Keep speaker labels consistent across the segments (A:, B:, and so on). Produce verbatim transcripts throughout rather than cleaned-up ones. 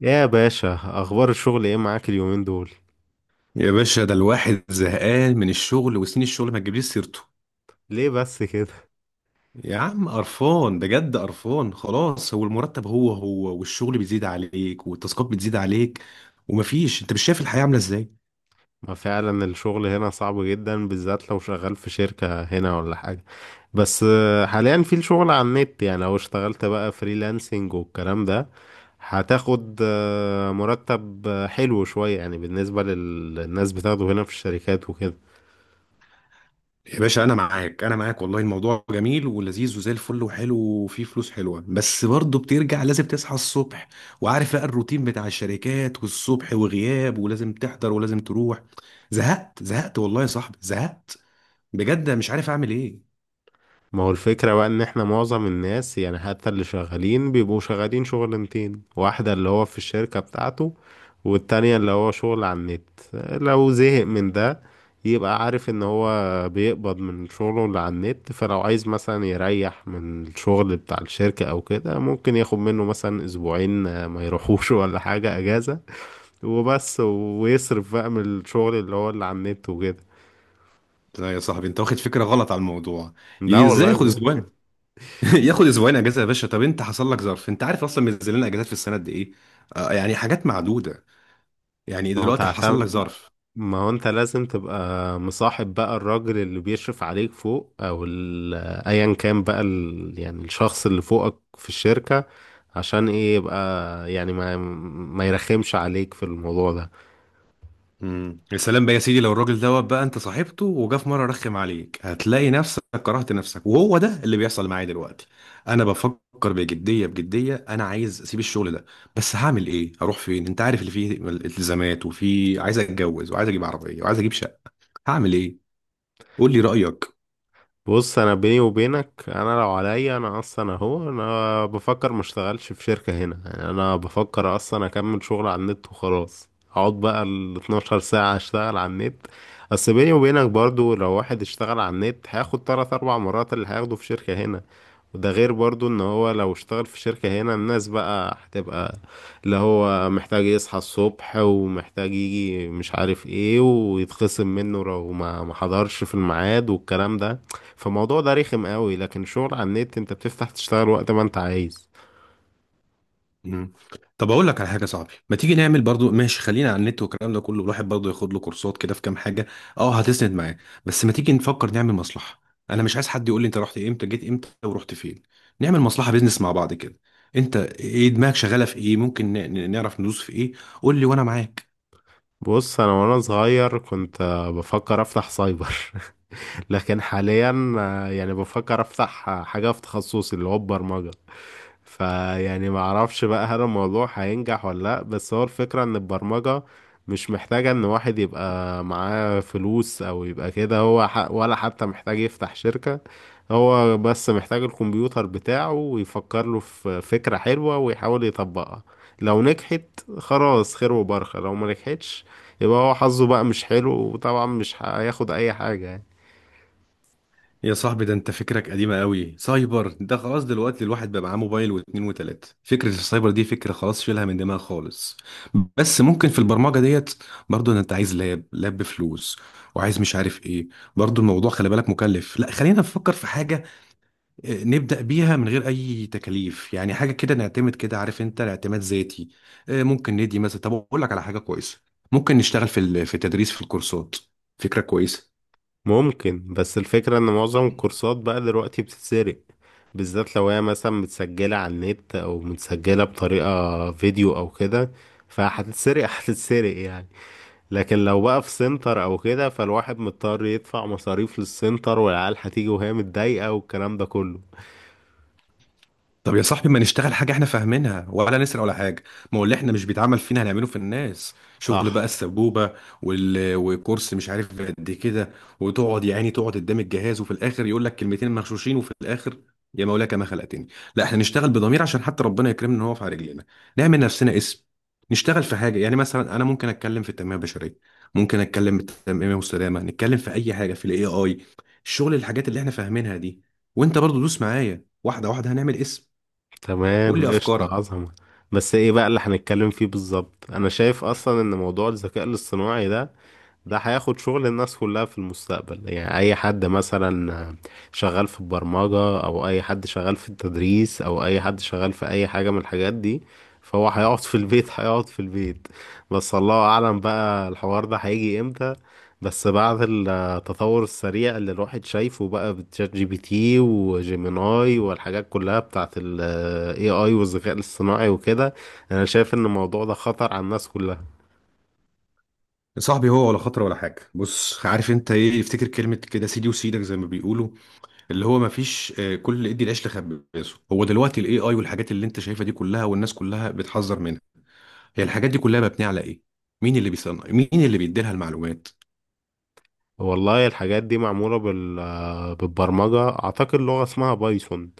A: يا باشا، اخبار الشغل ايه معاك اليومين دول؟
B: يا باشا، ده الواحد زهقان من الشغل وسنين الشغل ما تجيبليش سيرته.
A: ليه بس كده؟
B: يا عم قرفان بجد قرفان خلاص، هو المرتب هو هو والشغل بيزيد عليك والتاسكات بتزيد عليك ومفيش. انت مش شايف الحياة عاملة ازاي؟
A: ما فعلا الشغل هنا صعب جدا، بالذات لو شغال في شركة هنا ولا حاجة. بس آه، حاليا في الشغل على النت. يعني لو اشتغلت بقى فريلانسنج والكلام ده هتاخد آه، مرتب آه، حلو شوية يعني بالنسبة للناس بتاخده هنا في الشركات وكده.
B: يا باشا انا معاك انا معاك، والله الموضوع جميل ولذيذ وزي الفل وحلو وفيه فلوس حلوة، بس برضه بترجع لازم تصحى الصبح وعارف بقى الروتين بتاع الشركات والصبح وغياب ولازم تحضر ولازم تروح. زهقت زهقت والله يا صاحبي زهقت. بجد مش عارف اعمل ايه.
A: ما هو الفكرة بقى ان احنا معظم الناس، يعني حتى اللي شغالين، بيبقوا شغالين شغلانتين: واحدة اللي هو في الشركة بتاعته، والتانية اللي هو شغل على النت. لو زهق من ده يبقى عارف ان هو بيقبض من شغله اللي على النت، فلو عايز مثلا يريح من الشغل بتاع الشركة او كده ممكن ياخد منه مثلا اسبوعين آه، ما يروحوش، ولا حاجة اجازة، وبس، ويصرف بقى من الشغل اللي هو اللي على النت وكده.
B: لا يا صاحبي، انت واخد فكره غلط على الموضوع.
A: لا
B: ي- ازاي
A: والله
B: ياخد
A: بجد.
B: اسبوعين؟ ياخد اسبوعين اجازه؟ يا باشا طب انت حصل لك ظرف؟ انت عارف اصلا منزل لنا اجازات في السنه قد ايه؟ آه يعني حاجات معدوده. يعني
A: ما هو
B: دلوقتي حصل لك
A: تعتمد.
B: ظرف؟
A: ما هو انت لازم تبقى مصاحب بقى الراجل اللي بيشرف عليك فوق، او ال- ايا كان بقى ال... يعني الشخص اللي فوقك في الشركة، عشان ايه يبقى يعني ما ما يرخمش عليك في الموضوع ده.
B: امم يا سلام بقى يا سيدي، لو الراجل دوت بقى انت صاحبته وجا في مره رخم عليك، هتلاقي نفسك كرهت نفسك، وهو ده اللي بيحصل معايا دلوقتي. انا بفكر بجديه بجديه، انا عايز اسيب الشغل ده. بس هعمل ايه؟ هروح فين؟ انت عارف اللي فيه التزامات وفي عايز اتجوز وعايز اجيب عربيه وعايز اجيب شقه. هعمل ايه؟ قول لي رايك.
A: بص، انا بيني وبينك انا لو عليا، انا اصلا اهو انا بفكر ما اشتغلش في شركة هنا. يعني انا بفكر اصلا اكمل شغل على النت وخلاص، اقعد بقى ال اتناشر ساعة اشتغل على النت. بس بيني وبينك برضو لو واحد اشتغل على النت هياخد تلات اربع مرات اللي هياخده في شركة هنا. وده غير برضو ان هو لو اشتغل في شركة هنا الناس بقى هتبقى اللي هو محتاج يصحى الصبح، ومحتاج يجي مش عارف ايه، ويتخصم منه لو ما ما حضرش في الميعاد، والكلام ده. فالموضوع ده رخم قوي، لكن شغل على النت انت بتفتح تشتغل وقت ما انت عايز.
B: مم. طب اقول لك على حاجه يا صاحبي، ما تيجي نعمل برضو ماشي، خلينا على النت والكلام ده كله، الواحد برضو ياخد له كورسات كده في كام حاجه. اه هتسند معاه. بس ما تيجي نفكر نعمل مصلحه؟ انا مش عايز حد يقول لي انت رحت امتى جيت امتى ورحت فين. نعمل مصلحه بيزنس مع بعض كده. انت ايه دماغك شغاله في ايه؟ ممكن ن- ن- نعرف ندوس في ايه. قول لي وانا معاك.
A: بص، انا وانا صغير كنت آه، بفكر افتح سايبر. لكن حاليا آه، يعني بفكر افتح آه، حاجة في تخصصي اللي هو البرمجة. فيعني ما اعرفش بقى هل الموضوع هينجح ولا لا، بس هو الفكرة ان البرمجة مش محتاجة ان واحد يبقى معاه فلوس او يبقى كده هو ح... ولا حتى محتاج يفتح شركة. هو بس محتاج الكمبيوتر بتاعه ويفكر له في فكرة حلوة ويحاول يطبقها. لو نجحت خلاص، خير وبركة. لو ما نجحتش يبقى هو حظه بقى مش حلو، وطبعا مش هياخد اي حاجة يعني.
B: يا صاحبي ده انت فكرك قديمة قوي، سايبر ده خلاص، دلوقتي الواحد بقى معاه موبايل واتنين وتلاتة. فكرة السايبر دي فكرة خلاص شيلها من دماغ خالص. بس ممكن في البرمجة ديت، برضو ان انت عايز لاب لاب بفلوس، وعايز مش عارف ايه. برضو الموضوع خلي بالك مكلف. لا خلينا نفكر في حاجة اه، نبدأ بيها من غير اي تكاليف، يعني حاجة كده نعتمد كده، عارف انت اعتماد ذاتي. اه، ممكن ندي مثلا، طب اقول لك على حاجة كويسة، ممكن نشتغل في ال- في التدريس في الكورسات. فكرة كويسة.
A: ممكن، بس الفكرة ان معظم الكورسات بقى دلوقتي بتتسرق، بالذات لو هي مثلا متسجلة على النت او متسجلة بطريقة فيديو او كده، فهتتسرق. هتتسرق يعني. لكن لو بقى في سنتر او كده فالواحد مضطر يدفع مصاريف للسنتر، والعيال هتيجي وهي متضايقة والكلام ده كله.
B: طب يا صاحبي، ما نشتغل حاجة احنا فاهمينها ولا نسرق ولا حاجة. ما هو اللي احنا مش بيتعمل فينا هنعمله في الناس، شغل بقى
A: صح.
B: السبوبة. وال... وكورس مش عارف قد كده، وتقعد يا عيني تقعد قدام الجهاز وفي الآخر يقول لك كلمتين مغشوشين، وفي الآخر يا مولاك ما خلقتني. لا، احنا نشتغل بضمير عشان حتى ربنا يكرمنا، ان هو في على رجلينا. نعمل نفسنا اسم. نشتغل في حاجة، يعني مثلا انا ممكن اتكلم في التنمية البشرية، ممكن اتكلم في التنمية المستدامة، نتكلم في اي حاجة في الاي اي. الشغل، الحاجات اللي احنا فاهمينها دي. وانت برضو دوس معايا واحدة واحدة، هنعمل اسم. قول لي
A: تمام،
B: افكارك.
A: قشطة، عظمة. بس ايه بقى اللي هنتكلم فيه بالظبط؟ انا شايف اصلا ان موضوع الذكاء الاصطناعي ده، ده هياخد شغل الناس كلها في المستقبل. يعني أي حد مثلا شغال في البرمجة، أو أي حد شغال في التدريس، أو أي حد شغال في أي حاجة من الحاجات دي، فهو هيقعد في البيت. هيقعد في البيت. بس الله أعلم بقى الحوار ده هيجي إمتى، بس بعد التطور السريع اللي الواحد شايفه بقى بتشات جي بي تي وجيميناي والحاجات كلها بتاعت ال إيه آي والذكاء الاصطناعي وكده، أنا شايف إن الموضوع ده خطر على الناس كلها.
B: يا صاحبي هو ولا خطر ولا حاجه. بص عارف انت ايه؟ افتكر كلمه كده، سيدي وسيدك زي ما بيقولوا، اللي هو ما فيش. آه، كل ادي العيش لخبازه. هو دلوقتي الاي اي والحاجات اللي انت شايفها دي كلها والناس كلها بتحذر منها، هي الحاجات دي كلها مبنيه على ايه؟ مين اللي بيصنع؟ مين اللي بيديلها المعلومات؟
A: والله الحاجات دي معمولة بال... بالبرمجة، أعتقد لغة اسمها بايثون.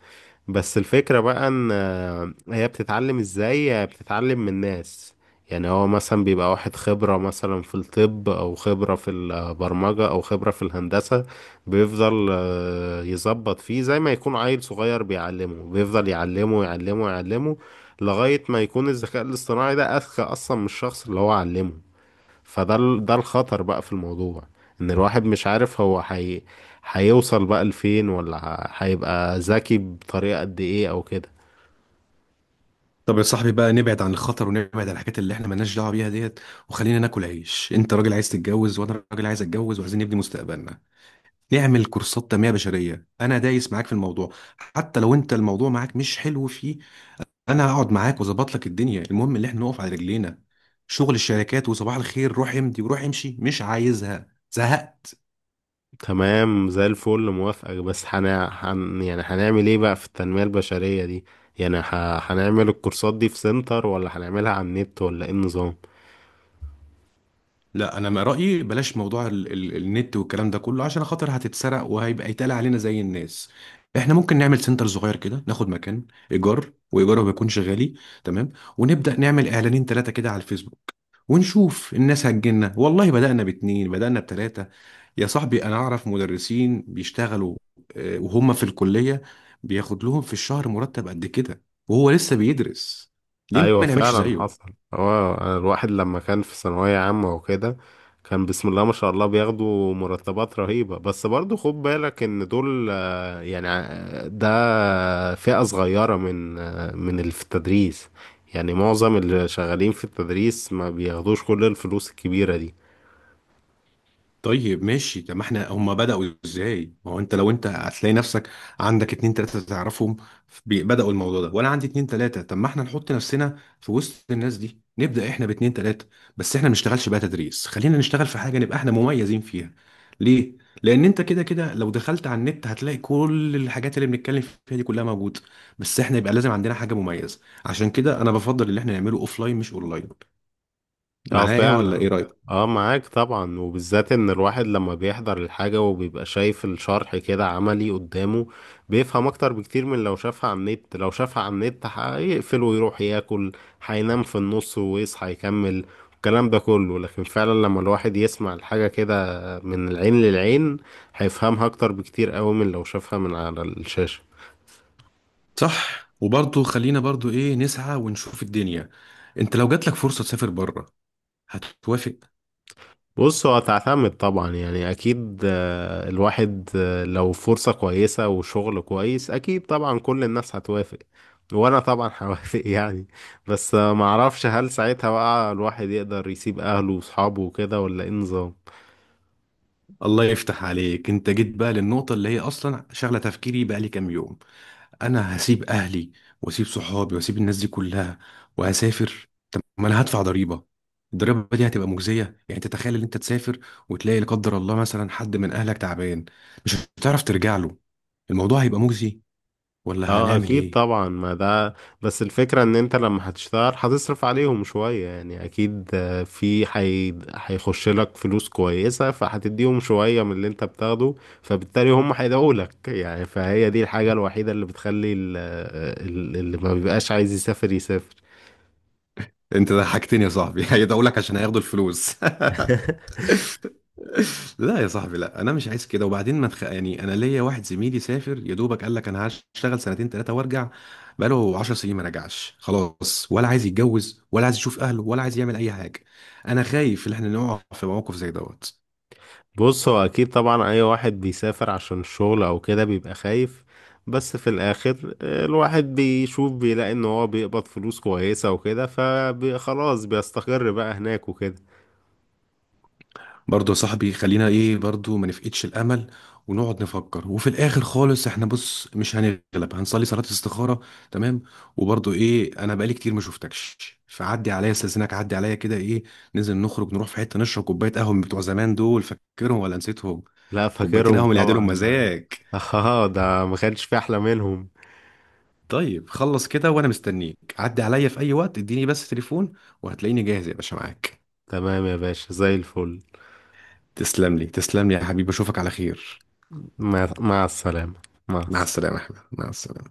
A: بس الفكرة بقى إن آه، هي بتتعلم إزاي؟ هي بتتعلم من الناس. يعني هو مثلا بيبقى واحد خبرة مثلا في الطب، أو خبرة في البرمجة، أو خبرة في الهندسة، بيفضل آه، يظبط فيه زي ما يكون عيل صغير بيعلمه، بيفضل يعلمه يعلمه يعلمه لغاية ما يكون الذكاء الاصطناعي ده أذكى أصلا من الشخص اللي هو علمه. فده ال- ده الخطر بقى في الموضوع، ان الواحد مش عارف هو حي... هيوصل بقى لفين، ولا ه- هيبقى ذكي بطريقة قد ايه او كده.
B: طب يا صاحبي بقى نبعد عن الخطر ونبعد عن الحاجات اللي احنا مالناش دعوه بيها ديت، وخلينا ناكل عيش. انت راجل عايز تتجوز وانا راجل عايز اتجوز، وعايزين نبني مستقبلنا. نعمل كورسات تنميه بشريه، انا دايس معاك في الموضوع. حتى لو انت الموضوع معاك مش حلو فيه، انا هقعد معاك واظبط لك الدنيا. المهم ان احنا نقف على رجلينا. شغل الشركات وصباح الخير روح امضي وروح امشي مش عايزها، زهقت.
A: تمام زي الفل، موافقك. بس هن... هن... يعني هنعمل ايه بقى في التنمية البشرية دي؟ يعني ه... هنعمل الكورسات دي في سنتر ولا هنعملها على النت ولا ايه النظام؟
B: لا انا ما رايي، بلاش موضوع ال ال النت والكلام ده كله عشان خاطر هتتسرق وهيبقى يتقال علينا زي الناس. احنا ممكن نعمل سنتر صغير كده، ناخد مكان ايجار وايجاره بيكونش غالي. تمام. ونبدا نعمل اعلانين ثلاثه كده على الفيسبوك ونشوف الناس هتجيلنا. والله بدأنا باتنين، بدأنا بتلاتة. يا صاحبي أنا أعرف مدرسين بيشتغلوا آه، وهم في الكلية، بياخد لهم في الشهر مرتب قد كده وهو لسه بيدرس. ليه
A: ايوه
B: ما نعملش
A: فعلا
B: زيه؟
A: حصل. هو الواحد لما كان في ثانوية عامة وكده كان بسم الله ما شاء الله بياخدوا مرتبات رهيبة، بس برضو خد بالك ان دول يعني ده فئة صغيرة من من اللي في التدريس. يعني معظم اللي شغالين في التدريس ما بياخدوش كل الفلوس الكبيرة دي.
B: طيب ماشي. طب ما احنا هم بدأوا ازاي؟ ما هو انت لو انت هتلاقي نفسك عندك اتنين تلاتة تعرفهم بي- بدأوا الموضوع ده، وانا عندي اتنين تلاتة. طب ما احنا نحط نفسنا في وسط الناس دي، نبدأ احنا باتنين تلاتة. بس احنا ما نشتغلش بقى تدريس، خلينا نشتغل في حاجة نبقى احنا مميزين فيها. ليه؟ لأن انت كده كده لو دخلت على النت هتلاقي كل الحاجات اللي بنتكلم فيها دي كلها موجودة. بس احنا يبقى لازم عندنا حاجة مميزة. عشان كده انا بفضل اللي احنا نعمله اوفلاين مش اونلاين.
A: اه
B: معايا ولا
A: فعلا.
B: ايه؟
A: اه معاك طبعا، وبالذات ان الواحد لما بيحضر الحاجة وبيبقى شايف الشرح كده عملي قدامه بيفهم اكتر بكتير من لو شافها على النت. لو شافها على النت هيقفل ويروح ياكل، هينام في النص ويصحى يكمل الكلام ده كله. لكن فعلا لما الواحد يسمع الحاجة كده من العين للعين هيفهمها اكتر بكتير قوي من لو شافها من على الشاشة.
B: صح. وبرضه خلينا برضه ايه، نسعى ونشوف الدنيا. انت لو جاتلك فرصة تسافر بره، هتوافق؟
A: بص، هو هتعتمد طبعا. يعني اكيد آه، الواحد آه، لو فرصة كويسة وشغل كويس اكيد طبعا كل الناس هتوافق، وانا طبعا هوافق. يعني بس آه، معرفش هل ساعتها بقى الواحد يقدر يسيب اهله واصحابه وكده ولا ايه نظام.
B: الله يفتح عليك، انت جيت بقى للنقطة اللي هي اصلا شغلة تفكيري بقى لي كام يوم. انا هسيب اهلي واسيب صحابي واسيب الناس دي كلها وهسافر. طب ما انا هدفع ضريبة، الضريبة دي هتبقى مجزية؟ يعني تتخيل ان انت تسافر وتلاقي لا قدر الله مثلا حد من اهلك تعبان، مش هتعرف ترجع له. الموضوع هيبقى مجزي؟ ولا
A: اه
B: هنعمل
A: اكيد
B: ايه؟
A: طبعا ما ده، بس الفكرة ان انت لما هتشتغل هتصرف عليهم شوية. يعني اكيد آه، في حي... هيخش لك فلوس كويسة، فهتديهم شوية من اللي انت بتاخده، فبالتالي هم هيدعوا لك. يعني فهي دي الحاجة الوحيدة اللي بتخلي ال... ال- اللي ما بيبقاش عايز يسافر يسافر.
B: انت ضحكتني يا صاحبي. هيدعوا لك عشان هياخدوا الفلوس. لا يا صاحبي لا، انا مش عايز كده. وبعدين ما تخ... يعني انا ليا واحد زميلي سافر يا دوبك، قال لك انا هشتغل سنتين ثلاثه وارجع، بقاله 10 سنين ما رجعش خلاص، ولا عايز يتجوز ولا عايز يشوف اهله ولا عايز يعمل اي حاجه. انا خايف ان احنا نقع في موقف زي دوت.
A: بص، هو اكيد طبعا اي واحد بيسافر عشان الشغل او كده بيبقى خايف، بس في الاخر آه، الواحد بيشوف بيلاقي ان هو بيقبض فلوس كويسة وكده فخلاص بيستقر بقى هناك وكده.
B: برضه يا صاحبي خلينا ايه، برضه ما نفقدش الامل، ونقعد نفكر. وفي الاخر خالص احنا بص مش هنغلب، هنصلي صلاة الاستخارة. تمام. وبرضه ايه، انا بقالي كتير ما شفتكش، فعدي عليا. استاذنك عدي عليا كده، ايه ننزل نخرج نروح في حتة نشرب كوباية قهوة من بتوع زمان؟ دول فاكرهم ولا نسيتهم؟
A: لا
B: كوبايتين
A: فاكرهم
B: قهوة من اللي
A: طبعا
B: يعدلهم
A: ده.
B: مزاج.
A: اه ده ما كانش في احلى منهم.
B: طيب خلص كده، وانا مستنيك عدي عليا في اي وقت، اديني بس تليفون وهتلاقيني جاهز يا باشا معاك.
A: تمام يا باشا، زي الفل.
B: تسلم لي تسلم لي يا حبيبي، اشوفك على خير.
A: مع مع السلامة. مع
B: مع
A: السلامة.
B: السلامة يا احمد مع السلامة.